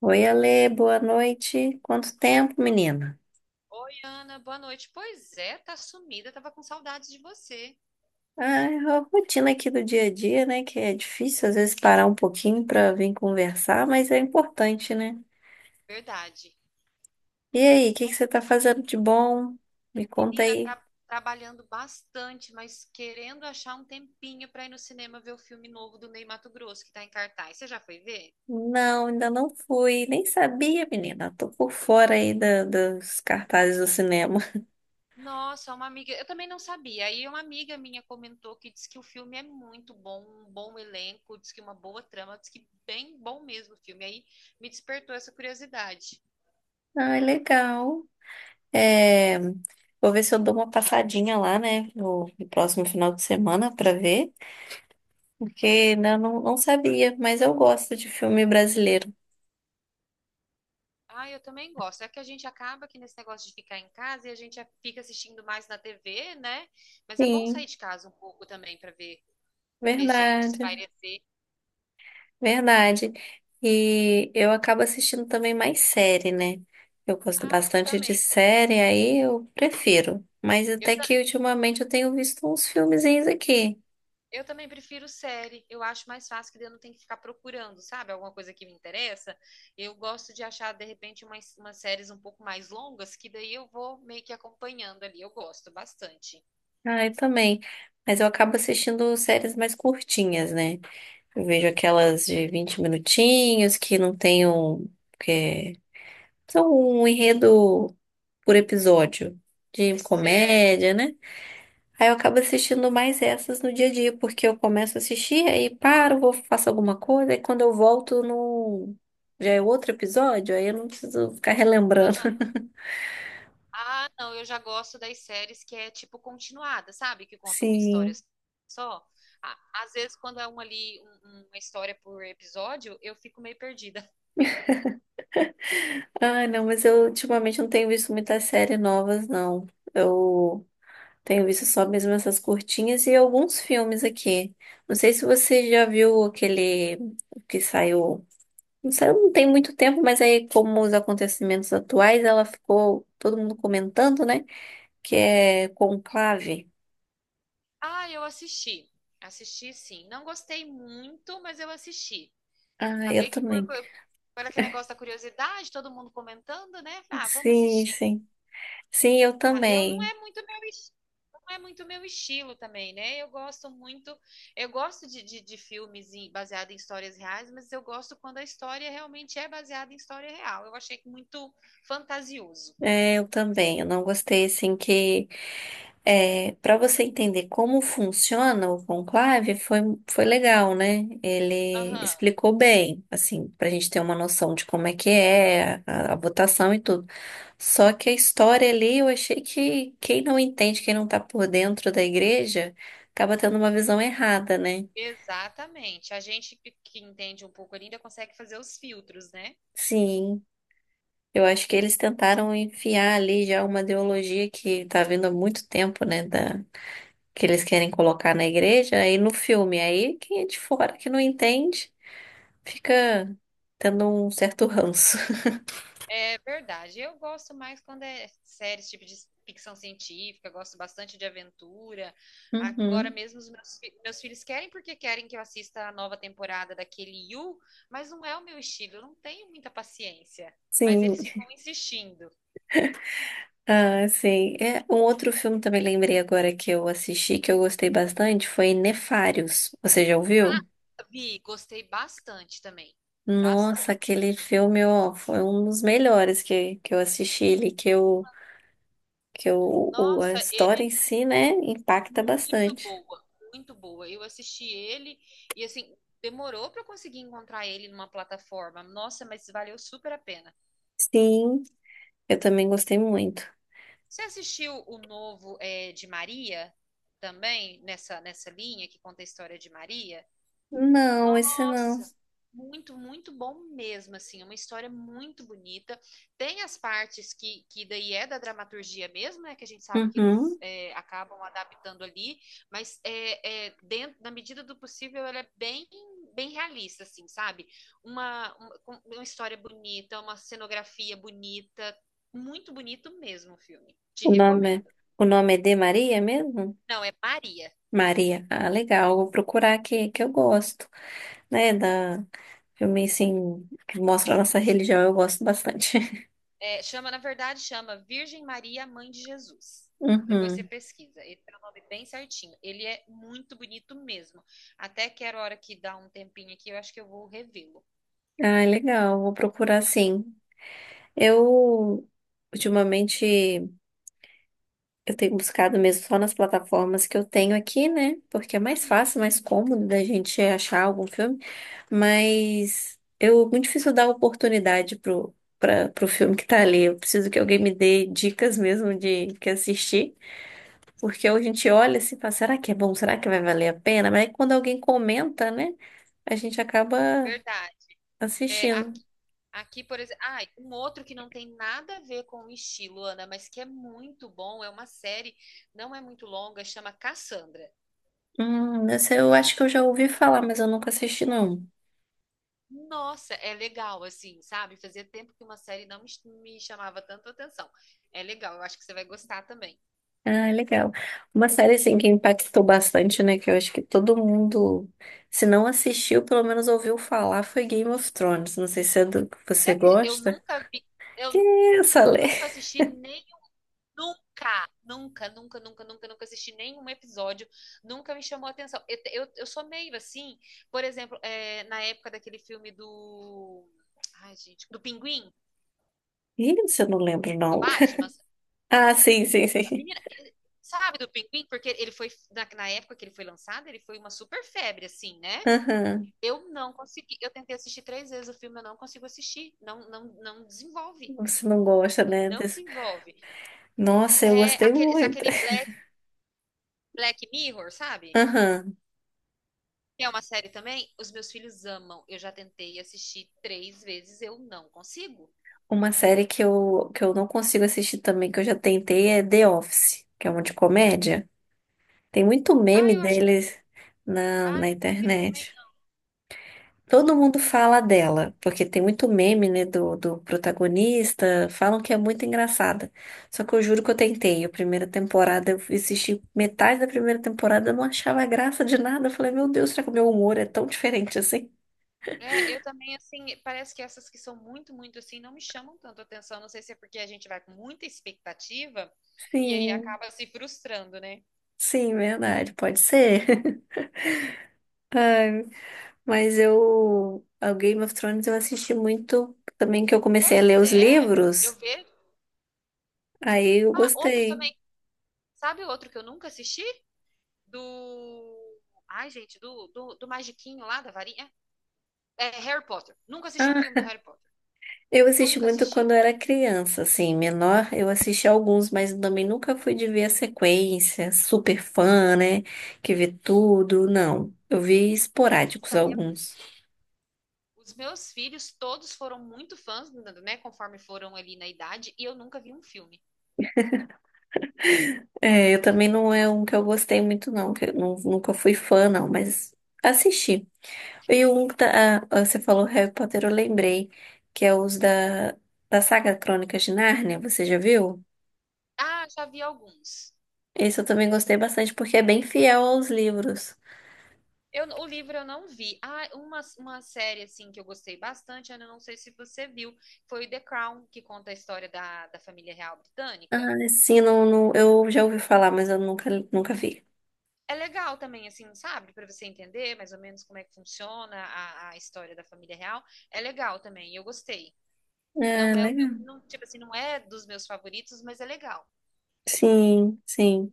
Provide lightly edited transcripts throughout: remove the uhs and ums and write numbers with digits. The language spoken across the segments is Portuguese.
Oi, Ale, boa noite. Quanto tempo, menina? Oi, Ana, boa noite. Pois é, tá sumida, tava com saudade de você. Ah, a rotina aqui do dia a dia, né? Que é difícil às vezes parar um pouquinho para vir conversar, mas é importante, né? Verdade. E aí, o que que você tá fazendo de bom? Me conta Menina, aí. Trabalhando bastante, mas querendo achar um tempinho pra ir no cinema ver o filme novo do Ney Matogrosso que tá em cartaz. Você já foi ver? Não, ainda não fui, nem sabia, menina. Tô por fora aí dos cartazes do cinema. Nossa, uma amiga, eu também não sabia. Aí uma amiga minha comentou que diz que o filme é muito bom, um bom elenco, diz que uma boa trama, diz que bem bom mesmo o filme. Aí me despertou essa curiosidade. Ah, legal. É, vou ver se eu dou uma passadinha lá, né? No próximo final de semana para ver. Porque não sabia, mas eu gosto de filme brasileiro. Ah, eu também gosto. É que a gente acaba que nesse negócio de ficar em casa e a gente fica assistindo mais na TV, né? Mas é bom sair Sim, de casa um pouco também para ver, ver gente, verdade, espairecer. verdade. E eu acabo assistindo também mais série, né? Eu gosto Ah, eu bastante de também. série, aí eu prefiro. Mas Eu, até ta- que ultimamente eu tenho visto uns filmezinhos aqui. eu também prefiro série. Eu acho mais fácil que daí eu não tenho que ficar procurando, sabe? Alguma coisa que me interessa. Eu gosto de achar, de repente, umas séries um pouco mais longas, que daí eu vou meio que acompanhando ali. Eu gosto bastante. Ah, eu também. Mas eu acabo assistindo séries mais curtinhas, né? Eu vejo aquelas de 20 minutinhos que não tem um, que são um enredo por episódio de Certo. comédia, né? Aí eu acabo assistindo mais essas no dia a dia, porque eu começo a assistir, aí paro, vou, faço alguma coisa, aí quando eu volto no... já é outro episódio, aí eu não preciso ficar relembrando. Ah, não, eu já gosto das séries que é tipo continuada, sabe? Que conta uma história Sim. só. Ah, às vezes, quando é uma ali, uma história por episódio, eu fico meio perdida. Ah, não, mas eu ultimamente não tenho visto muitas séries novas, não. Eu tenho visto só mesmo essas curtinhas e alguns filmes aqui. Não sei se você já viu aquele que saiu. Isso aí não tem muito tempo, mas aí, como os acontecimentos atuais, ela ficou todo mundo comentando, né? Que é conclave. Ah, eu assisti. Assisti, sim. Não gostei muito, mas eu assisti. Ah, eu Acabei que também. Por aquele negócio da curiosidade, todo mundo comentando, né? Falei: "Ah, vamos Sim, assistir." sim. Sim, eu Ah, eu não também. é muito meu, es- não é muito meu estilo também, né? Eu gosto muito, eu gosto de baseados em histórias reais, mas eu gosto quando a história realmente é baseada em história real. Eu achei que muito fantasioso. É, eu também. Eu não gostei, assim, que. É, para você entender como funciona o conclave, foi, foi legal, né? Ele Aham, explicou bem, assim, para a gente ter uma noção de como é que é a votação e tudo. Só que a história ali, eu achei que quem não entende, quem não tá por dentro da igreja, acaba tendo uma visão errada, né? exatamente. A gente que entende um pouco ainda consegue fazer os filtros, né? Sim, eu acho que eles tentaram enfiar ali já uma ideologia que tá vindo há muito tempo, né? Que eles querem colocar na igreja, aí no filme. Aí quem é de fora que não entende fica tendo um certo ranço. É verdade. Eu gosto mais quando é séries tipo de ficção científica, gosto bastante de aventura. Agora Uhum. mesmo os meus filhos querem porque querem que eu assista a nova temporada daquele You, mas não é o meu estilo, eu não tenho muita paciência. Mas Sim. eles ficam insistindo. Ah, sim. É, um outro filme também lembrei agora que eu assisti, que eu gostei bastante, foi Nefários. Você já ouviu? Vi, gostei bastante também. Nossa, Bastante. aquele filme, ó, foi um dos melhores que eu assisti ele. Que eu, que eu, o- a Nossa, ele história é em si, né, impacta muito bastante. boa, muito boa. Eu assisti ele e assim, demorou para eu conseguir encontrar ele numa plataforma. Nossa, mas valeu super a pena. Sim, eu também gostei muito. Você assistiu o novo de Maria também, nessa linha que conta a história de Maria? Não, esse não. Nossa, muito, muito bom mesmo, assim, uma história muito bonita. Tem as partes que daí é da dramaturgia mesmo, né, que a gente sabe que eles Uhum. é, acabam adaptando ali, mas dentro, na medida do possível, ela é bem, bem realista, assim, sabe? Uma história bonita, uma cenografia bonita, muito bonito mesmo o filme. Te O nome é, recomendo. o nome é de Maria mesmo? Não, é Maria. Maria. Ah, legal. Vou procurar aqui, que eu gosto, né, da filme, assim, que mostra a nossa religião, eu gosto bastante. É, chama, na verdade, chama Virgem Maria, Mãe de Jesus. Depois você Uhum. pesquisa. Ele tem o nome bem certinho. Ele é muito bonito mesmo. Até que era hora que dá um tempinho aqui, eu acho que eu vou revê-lo. Ah, legal, vou procurar sim. Eu, ultimamente, eu tenho buscado mesmo só nas plataformas que eu tenho aqui, né? Porque é mais Uhum, fácil, mais cômodo da gente achar algum filme, mas eu, muito difícil dar oportunidade pro filme que tá ali. Eu preciso que alguém me dê dicas mesmo de que assistir. Porque hoje a gente olha assim e fala, será que é bom? Será que vai valer a pena? Mas aí quando alguém comenta, né? A gente acaba verdade. É, assistindo. aqui, aqui, por exemplo. Ah, um outro que não tem nada a ver com o estilo, Ana, mas que é muito bom. É uma série, não é muito longa, chama Cassandra. Essa eu acho que eu já ouvi falar, mas eu nunca assisti, não. Nossa, é legal, assim, sabe? Fazia tempo que uma série não me, me chamava tanto atenção. É legal, eu acho que você vai gostar também. Ah, legal. Uma série, assim, que impactou bastante, né? Que eu acho que todo mundo, se não assistiu, pelo menos ouviu falar, foi Game of Thrones. Não sei se é do que Você você acredita? Eu gosta. nunca vi, Que eu essa, Lê? nunca assisti nem nunca, nunca, nunca, nunca, nunca, nunca assisti nenhum episódio, nunca me chamou a atenção. Eu sou meio assim, por exemplo, é, na época daquele filme do. Ai, gente, do Pinguim, Ih, isso eu não lembro, do não. Batman. Ah, sim, sim, A sim. menina, sabe do Pinguim? Porque ele foi, na época que ele foi lançado, ele foi uma super febre, assim, né? Aham. Eu não consegui, eu tentei assistir três vezes o filme, eu não consigo assistir. Não, não, não desenvolve. Você não gosta, né? Não desenvolve. Nossa, eu É, gostei muito. aquele Black Mirror, sabe? Aham. Que é uma série também. Os meus filhos amam. Eu já tentei assistir três vezes, eu não consigo. Uma série que eu não consigo assistir também, que eu já tentei, é The Office, que é uma de comédia. Tem muito Ah, meme eu acho que. deles na, Ah, na nunca vi também. internet. Todo Nunca mundo vi, fala não. dela, porque tem muito meme, né, do protagonista, falam que é muito engraçada. Só que eu juro que eu tentei. A primeira temporada, eu assisti metade da primeira temporada, eu não achava graça de nada. Eu falei, meu Deus, será que o meu humor é tão diferente assim? É, eu também, assim, parece que essas que são muito, muito assim, não me chamam tanto atenção. Não sei se é porque a gente vai com muita expectativa e aí Sim, acaba se frustrando, né? sim, verdade, pode ser. Mas eu, o Game of Thrones eu assisti muito também que eu comecei a ler Pois os é, eu livros, vejo. aí eu Ah, outro gostei. também. Sabe outro que eu nunca assisti? Do. Ai, gente, do Magiquinho lá da varinha. É Harry Potter. Nunca assisti um Ah, filme do Harry Potter. eu assisti Nunca muito quando assisti. eu era criança, assim, menor, eu assisti alguns, mas também nunca fui de ver a sequência, super fã, né, que vê tudo, não. Eu vi esporádicos Nossa, alguns. os meus filhos todos foram muito fãs, né? Conforme foram ali na idade, e eu nunca vi um filme. É, eu também não é um que eu gostei muito, não, que eu nunca fui fã, não, mas assisti. E um da, ah, você falou Harry Potter, eu lembrei, que é os da saga Crônicas de Nárnia, você já viu? Ah, já vi alguns. Esse eu também gostei bastante, porque é bem fiel aos livros. Eu, o livro eu não vi. Ah, uma série assim que eu gostei bastante, Ana, não sei se você viu, foi The Crown, que conta a história da família real Ah, britânica. sim, não, não, eu já ouvi falar, mas eu nunca, nunca vi. É legal também, assim, sabe? Para você entender mais ou menos como é que funciona a história da família real. É legal também, eu gostei. Ah, Não é o meu, legal. não, tipo assim, não é dos meus favoritos, mas é legal. Sim, sim.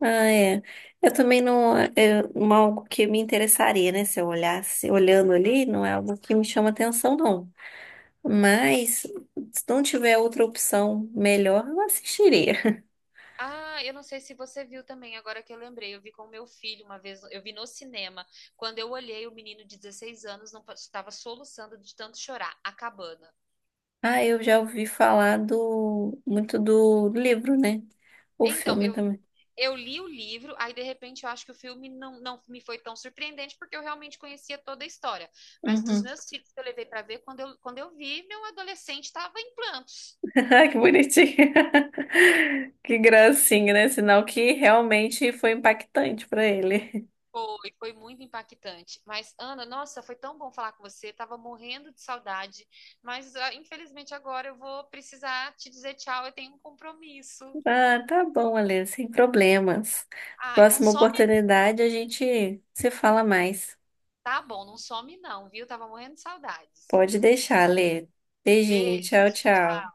Ah, é. Eu também não, é algo que me interessaria, né? Se eu olhasse, olhando ali, não é algo que me chama atenção, não. Mas, se não tiver outra opção melhor, eu assistiria. Ah, eu não sei se você viu também, agora que eu lembrei, eu vi com o meu filho uma vez, eu vi no cinema. Quando eu olhei, o menino de 16 anos não pa- estava soluçando de tanto chorar, A Cabana. Ah, eu já ouvi falar do muito do livro, né? O Então, filme eu, também. eu li o livro, aí de repente eu acho que o filme não me foi tão surpreendente, porque eu realmente conhecia toda a história. Mas os Uhum. meus filhos que eu levei para ver, quando eu vi, meu adolescente estava em planta. Ah, que bonitinho. Que gracinha, né? Sinal que realmente foi impactante para ele. Foi, foi muito impactante. Mas, Ana, nossa, foi tão bom falar com você. Tava morrendo de saudade. Mas, ah, infelizmente, agora eu vou precisar te dizer tchau. Eu tenho um compromisso. Ah, tá bom, Alê, sem problemas. Ah, não Próxima some, oportunidade a gente se fala mais. tá bom, não some não, viu? Tava morrendo de saudades. Pode deixar, Alê. Beijinho, tchau, Beijo. tchau.